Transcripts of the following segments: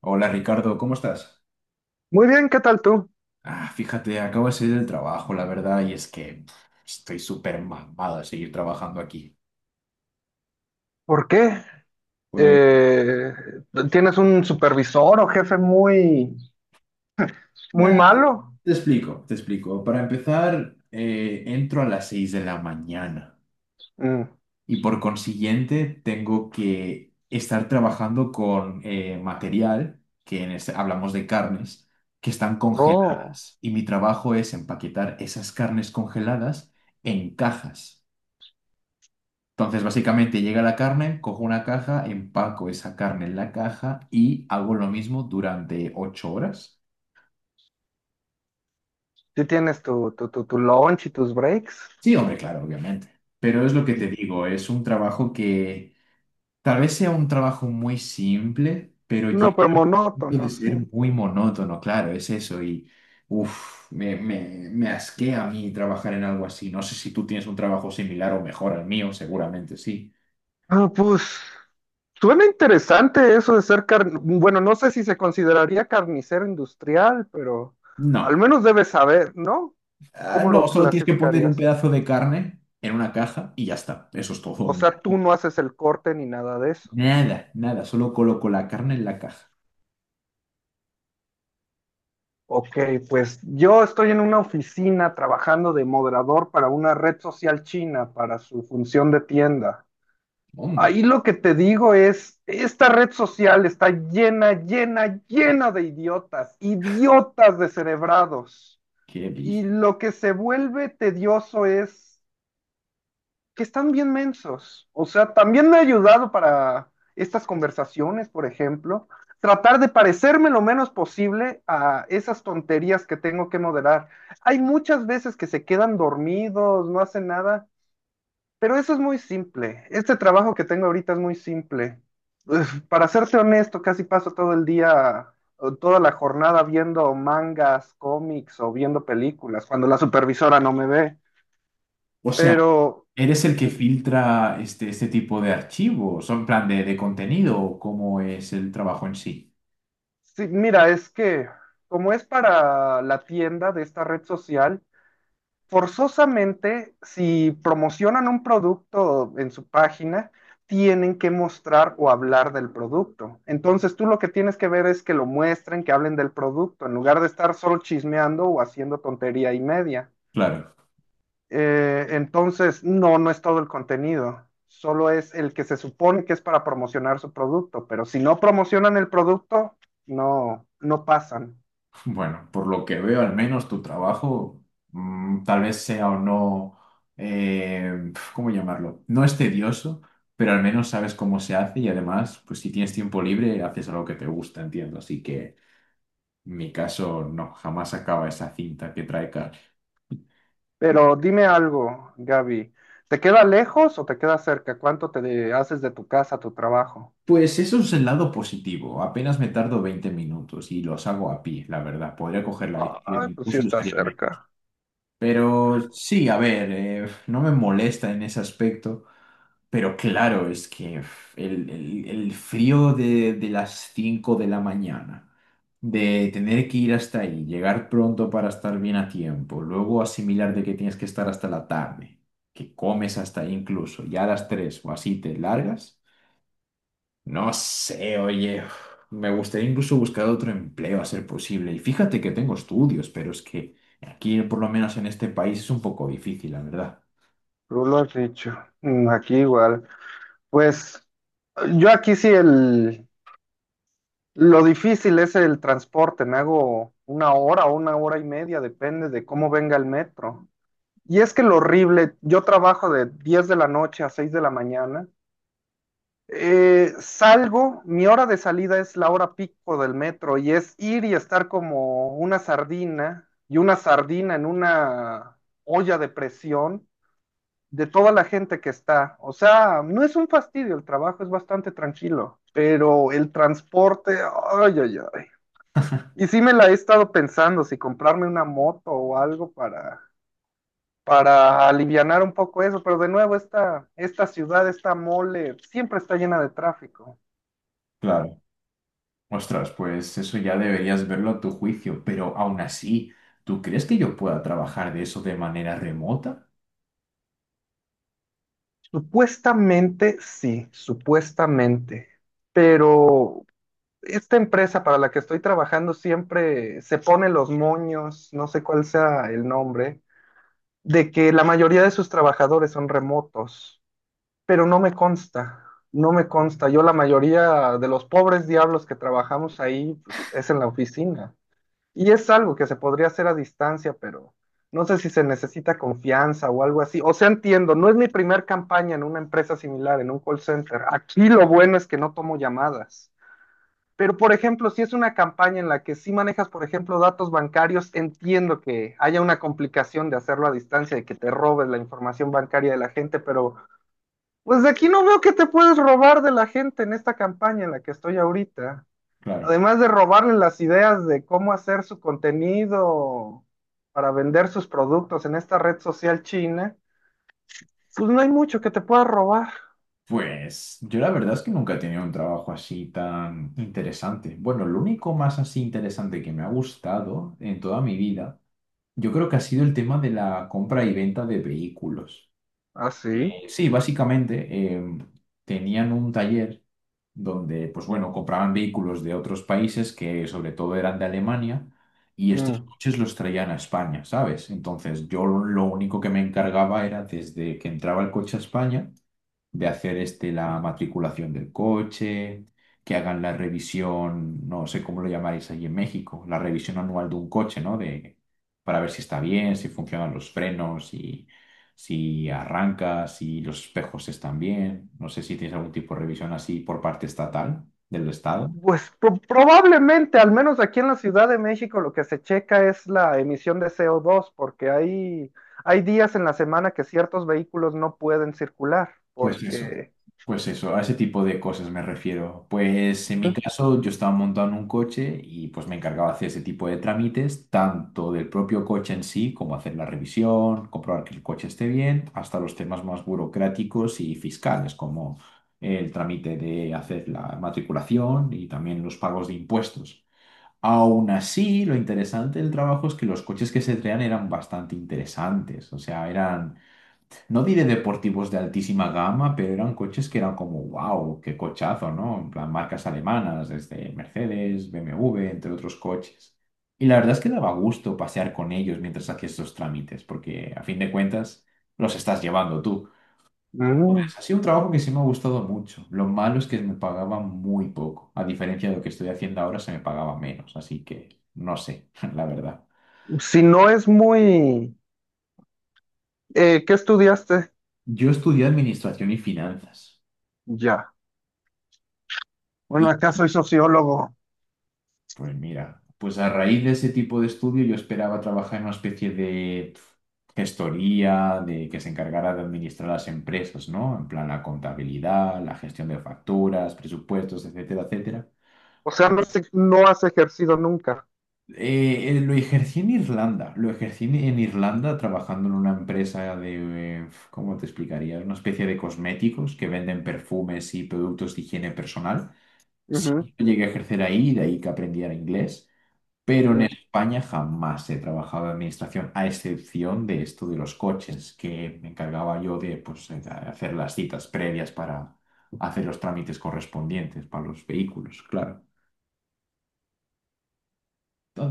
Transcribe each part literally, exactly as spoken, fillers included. Hola Ricardo, ¿cómo estás? Muy bien, ¿qué tal tú? Ah, fíjate, acabo de salir del trabajo, la verdad, y es que pf, estoy súper mamado de seguir trabajando aquí. ¿Por qué? Pues Eh, ¿tienes un supervisor o jefe muy, muy nada, malo? te explico, te explico. Para empezar, eh, entro a las seis de la mañana Mm, y por consiguiente tengo que estar trabajando con eh, material, que en este- hablamos de carnes, que están oh, congeladas. Y mi trabajo es empaquetar esas carnes congeladas en cajas. Entonces, básicamente llega la carne, cojo una caja, empaco esa carne en la caja y hago lo mismo durante ocho horas. sí tienes tu, tu, tu, tu lunch y tus breaks. Sí, hombre, claro, obviamente. Pero es lo que te digo, es un trabajo que tal vez sea un trabajo muy simple, pero No, llega pero al punto de monótono, sí. ser muy monótono, claro, es eso. Y, uff, me, me, me asquea a mí trabajar en algo así. No sé si tú tienes un trabajo similar o mejor al mío, seguramente sí. Ah, pues suena interesante eso de ser car... Bueno, no sé si se consideraría carnicero industrial, pero al No. menos debes saber, ¿no? Ah, ¿Cómo no, lo solo tienes que poner un clasificarías? pedazo de carne en una caja y ya está. Eso es O todo. sea, tú no haces el corte ni nada de eso. Nada, nada. Solo coloco la carne en la caja. Ok, pues yo estoy en una oficina trabajando de moderador para una red social china para su función de tienda. Mundo, Ahí lo que te digo es, esta red social está llena, llena, llena de idiotas, idiotas descerebrados. qué Y pizza. lo que se vuelve tedioso es que están bien mensos. O sea, también me ha ayudado para estas conversaciones, por ejemplo, tratar de parecerme lo menos posible a esas tonterías que tengo que moderar. Hay muchas veces que se quedan dormidos, no hacen nada, pero eso es muy simple. Este trabajo que tengo ahorita es muy simple. Uf, para serte honesto, casi paso todo el día, o toda la jornada viendo mangas, cómics o viendo películas, cuando la supervisora no me ve. O sea, Pero ¿eres el que filtra este, este tipo de archivos? ¿O en plan de, de contenido? ¿O cómo es el trabajo en sí? sí, mira, es que como es para la tienda de esta red social, forzosamente si promocionan un producto en su página, tienen que mostrar o hablar del producto. Entonces tú lo que tienes que ver es que lo muestren, que hablen del producto, en lugar de estar solo chismeando o haciendo tontería y media. Claro. Eh, entonces, no, no es todo el contenido. Solo es el que se supone que es para promocionar su producto, pero si no promocionan el producto, no, no pasan. Bueno, por lo que veo, al menos tu trabajo, mm, tal vez sea o no, eh, ¿cómo llamarlo? No es tedioso, pero al menos sabes cómo se hace y además, pues si tienes tiempo libre, haces algo que te gusta, entiendo. Así que en mi caso, no, jamás acaba esa cinta que trae Carl. Pero dime algo, Gaby, ¿te queda lejos o te queda cerca? ¿Cuánto te de- haces de tu casa a tu trabajo? Pues eso es el lado positivo. Apenas me tardo veinte minutos y los hago a pie, la verdad. Podría coger la bicicleta Ay, pues sí incluso y está usaría menos. cerca. Pero sí, a ver, eh, no me molesta en ese aspecto. Pero claro, es que uf, el, el- el frío de, de las cinco de la mañana, de tener que ir hasta ahí, llegar pronto para estar bien a tiempo, luego asimilar de que tienes que estar hasta la tarde, que comes hasta ahí incluso, ya a las tres o así te largas. No sé, oye, uf, me gustaría incluso buscar otro empleo a ser posible. Y fíjate que tengo estudios, pero es que aquí, por lo menos en este país, es un poco difícil, la verdad. Tú lo has dicho. Mm, aquí igual. Pues yo aquí sí el lo difícil es el transporte. Me hago una hora o una hora y media, depende de cómo venga el metro. Y es que lo horrible, yo trabajo de diez de la noche a seis de la mañana. Eh, salgo, mi hora de salida es la hora pico del metro y es ir y estar como una sardina y una sardina en una olla de presión de toda la gente que está. O sea, no es un fastidio el trabajo, es bastante tranquilo, pero el transporte, ay, ay, ay. Y sí me la he estado pensando, si comprarme una moto o algo para, para alivianar un poco eso, pero de nuevo esta, esta ciudad, esta mole, siempre está llena de tráfico. Claro. Ostras, pues eso ya deberías verlo a tu juicio, pero aún así, ¿tú crees que yo pueda trabajar de eso de manera remota? Supuestamente sí, supuestamente, pero esta empresa para la que estoy trabajando siempre se pone los moños, no sé cuál sea el nombre, de que la mayoría de sus trabajadores son remotos, pero no me consta, no me consta. Yo la mayoría de los pobres diablos que trabajamos ahí, pues, es en la oficina. Y es algo que se podría hacer a distancia, pero no sé si se necesita confianza o algo así. O sea, entiendo, no es mi primer campaña en una empresa similar, en un call center. Aquí lo bueno es que no tomo llamadas. Pero, por ejemplo, si es una campaña en la que sí manejas, por ejemplo, datos bancarios, entiendo que haya una complicación de hacerlo a distancia, de que te robes la información bancaria de la gente, pero pues de aquí no veo que te puedes robar de la gente en esta campaña en la que estoy ahorita. Claro. Además de robarle las ideas de cómo hacer su contenido para vender sus productos en esta red social china, pues no hay mucho que te pueda robar. Pues yo la verdad es que nunca he tenido un trabajo así tan interesante. Bueno, lo único más así interesante que me ha gustado en toda mi vida, yo creo que ha sido el tema de la compra y venta de vehículos. ¿Ah, sí? Eh, sí, básicamente eh, tenían un taller donde, pues bueno, compraban vehículos de otros países que sobre todo eran de Alemania y estos Mm. coches los traían a España, ¿sabes? Entonces yo lo único que me encargaba era desde que entraba el coche a España de hacer este, la matriculación del coche, que hagan la revisión, no sé cómo lo llamáis allí en México, la revisión anual de un coche, ¿no? De, para ver si está bien, si funcionan los frenos, si, si, arranca, si los espejos están bien. No sé si tienes algún tipo de revisión así por parte estatal del Estado. Pues pro- probablemente, al menos aquí en la Ciudad de México, lo que se checa es la emisión de C O dos, porque hay, hay días en la semana que ciertos vehículos no pueden circular, Pues eso, porque... pues eso, a ese tipo de cosas me refiero. Pues en mi caso yo estaba montado en un coche y pues me encargaba de hacer ese tipo de trámites, tanto del propio coche en sí, como hacer la revisión, comprobar que el coche esté bien, hasta los temas más burocráticos y fiscales, como el trámite de hacer la matriculación y también los pagos de impuestos. Aún así, lo interesante del trabajo es que los coches que se traían eran bastante interesantes, o sea, eran no diré deportivos de altísima gama, pero eran coches que eran como, wow, qué cochazo, ¿no? En plan, marcas alemanas, desde Mercedes, B M W, entre otros coches. Y la verdad es que daba gusto pasear con ellos mientras hacías estos trámites, porque a fin de cuentas los estás llevando tú. Pues, Ujú. ha sido un trabajo que sí me ha gustado mucho. Lo malo es que me pagaban muy poco. A diferencia de lo que estoy haciendo ahora, se me pagaba menos. Así que no sé, la verdad. Mm, si no es muy... eh, ¿qué estudiaste? Yo estudié administración y finanzas. Ya. Bueno, acá soy sociólogo. Pues mira, pues a raíz de ese tipo de estudio yo esperaba trabajar en una especie de pf, gestoría, de que se encargara de administrar las empresas, ¿no? En plan la contabilidad, la gestión de facturas, presupuestos, etcétera, etcétera. O sea, no, se- no has ejercido nunca. Eh, eh, lo ejercí en Irlanda, lo ejercí en en Irlanda trabajando en una empresa de, eh, ¿cómo te explicaría? Una especie de cosméticos que venden perfumes y productos de higiene personal. Ujú, Sí, llegué a ejercer ahí, de ahí que aprendiera inglés. Pero en mm. España jamás he trabajado en administración, a excepción de esto de los coches, que me encargaba yo de, pues, eh, hacer las citas previas para hacer los trámites correspondientes para los vehículos, claro.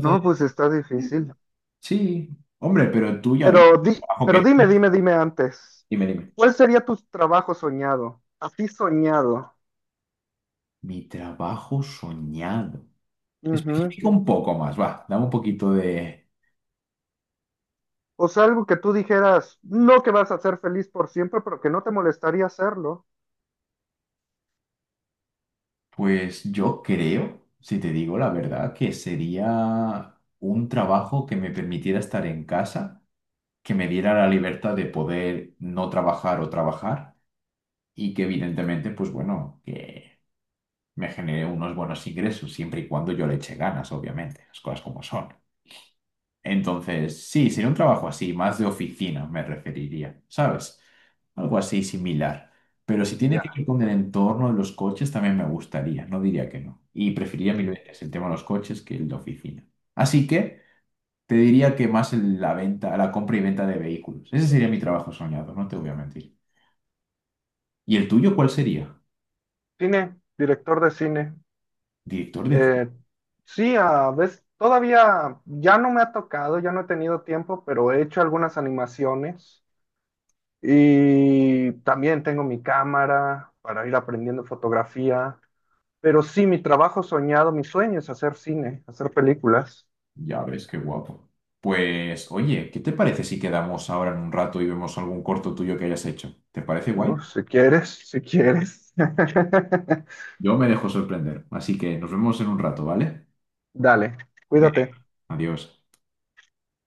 No, pues está difícil. sí, hombre, pero tú ya ves Pero, di, el trabajo pero que dime, tienes. dime, dime antes. Dime, dime. ¿Cuál sería tu trabajo soñado? Así soñado. Mi trabajo soñado. Ujú. Especifica un poco más, va, dame un poquito de... O sea, algo que tú dijeras, no que vas a ser feliz por siempre, pero que no te molestaría hacerlo. Pues yo creo, si te digo la verdad, que sería un trabajo que me permitiera estar en casa que me diera la libertad de poder no trabajar o trabajar y que evidentemente, pues bueno, que me genere unos buenos ingresos siempre y cuando yo le eche ganas, obviamente, las cosas como son. Entonces, sí, sería un trabajo así, más de oficina me referiría, ¿sabes? Algo así similar. Pero si tiene que Ya. ver con el entorno de los coches, también me gustaría, no diría que no. Y preferiría mil veces el tema de los coches que el de oficina. Así que... Te diría que más el- la venta, la compra y venta de vehículos. Ese sería mi trabajo soñado, no te voy a mentir. ¿Y el tuyo cuál sería? Cine, director de cine. Director de cine. Eh, sí, a veces todavía ya no me ha tocado, ya no he tenido tiempo, pero he hecho algunas animaciones. Y también tengo mi cámara para ir aprendiendo fotografía. Pero sí, mi trabajo soñado, mi sueño es hacer cine, hacer películas. Ya ves, qué guapo. Pues, oye, ¿qué te parece si quedamos ahora en un rato y vemos algún corto tuyo que hayas hecho? ¿Te parece guay? ¿No? Si quieres, si quieres. Yo me dejo sorprender, así que nos vemos en un rato, ¿vale? Dale, Venga, cuídate. adiós.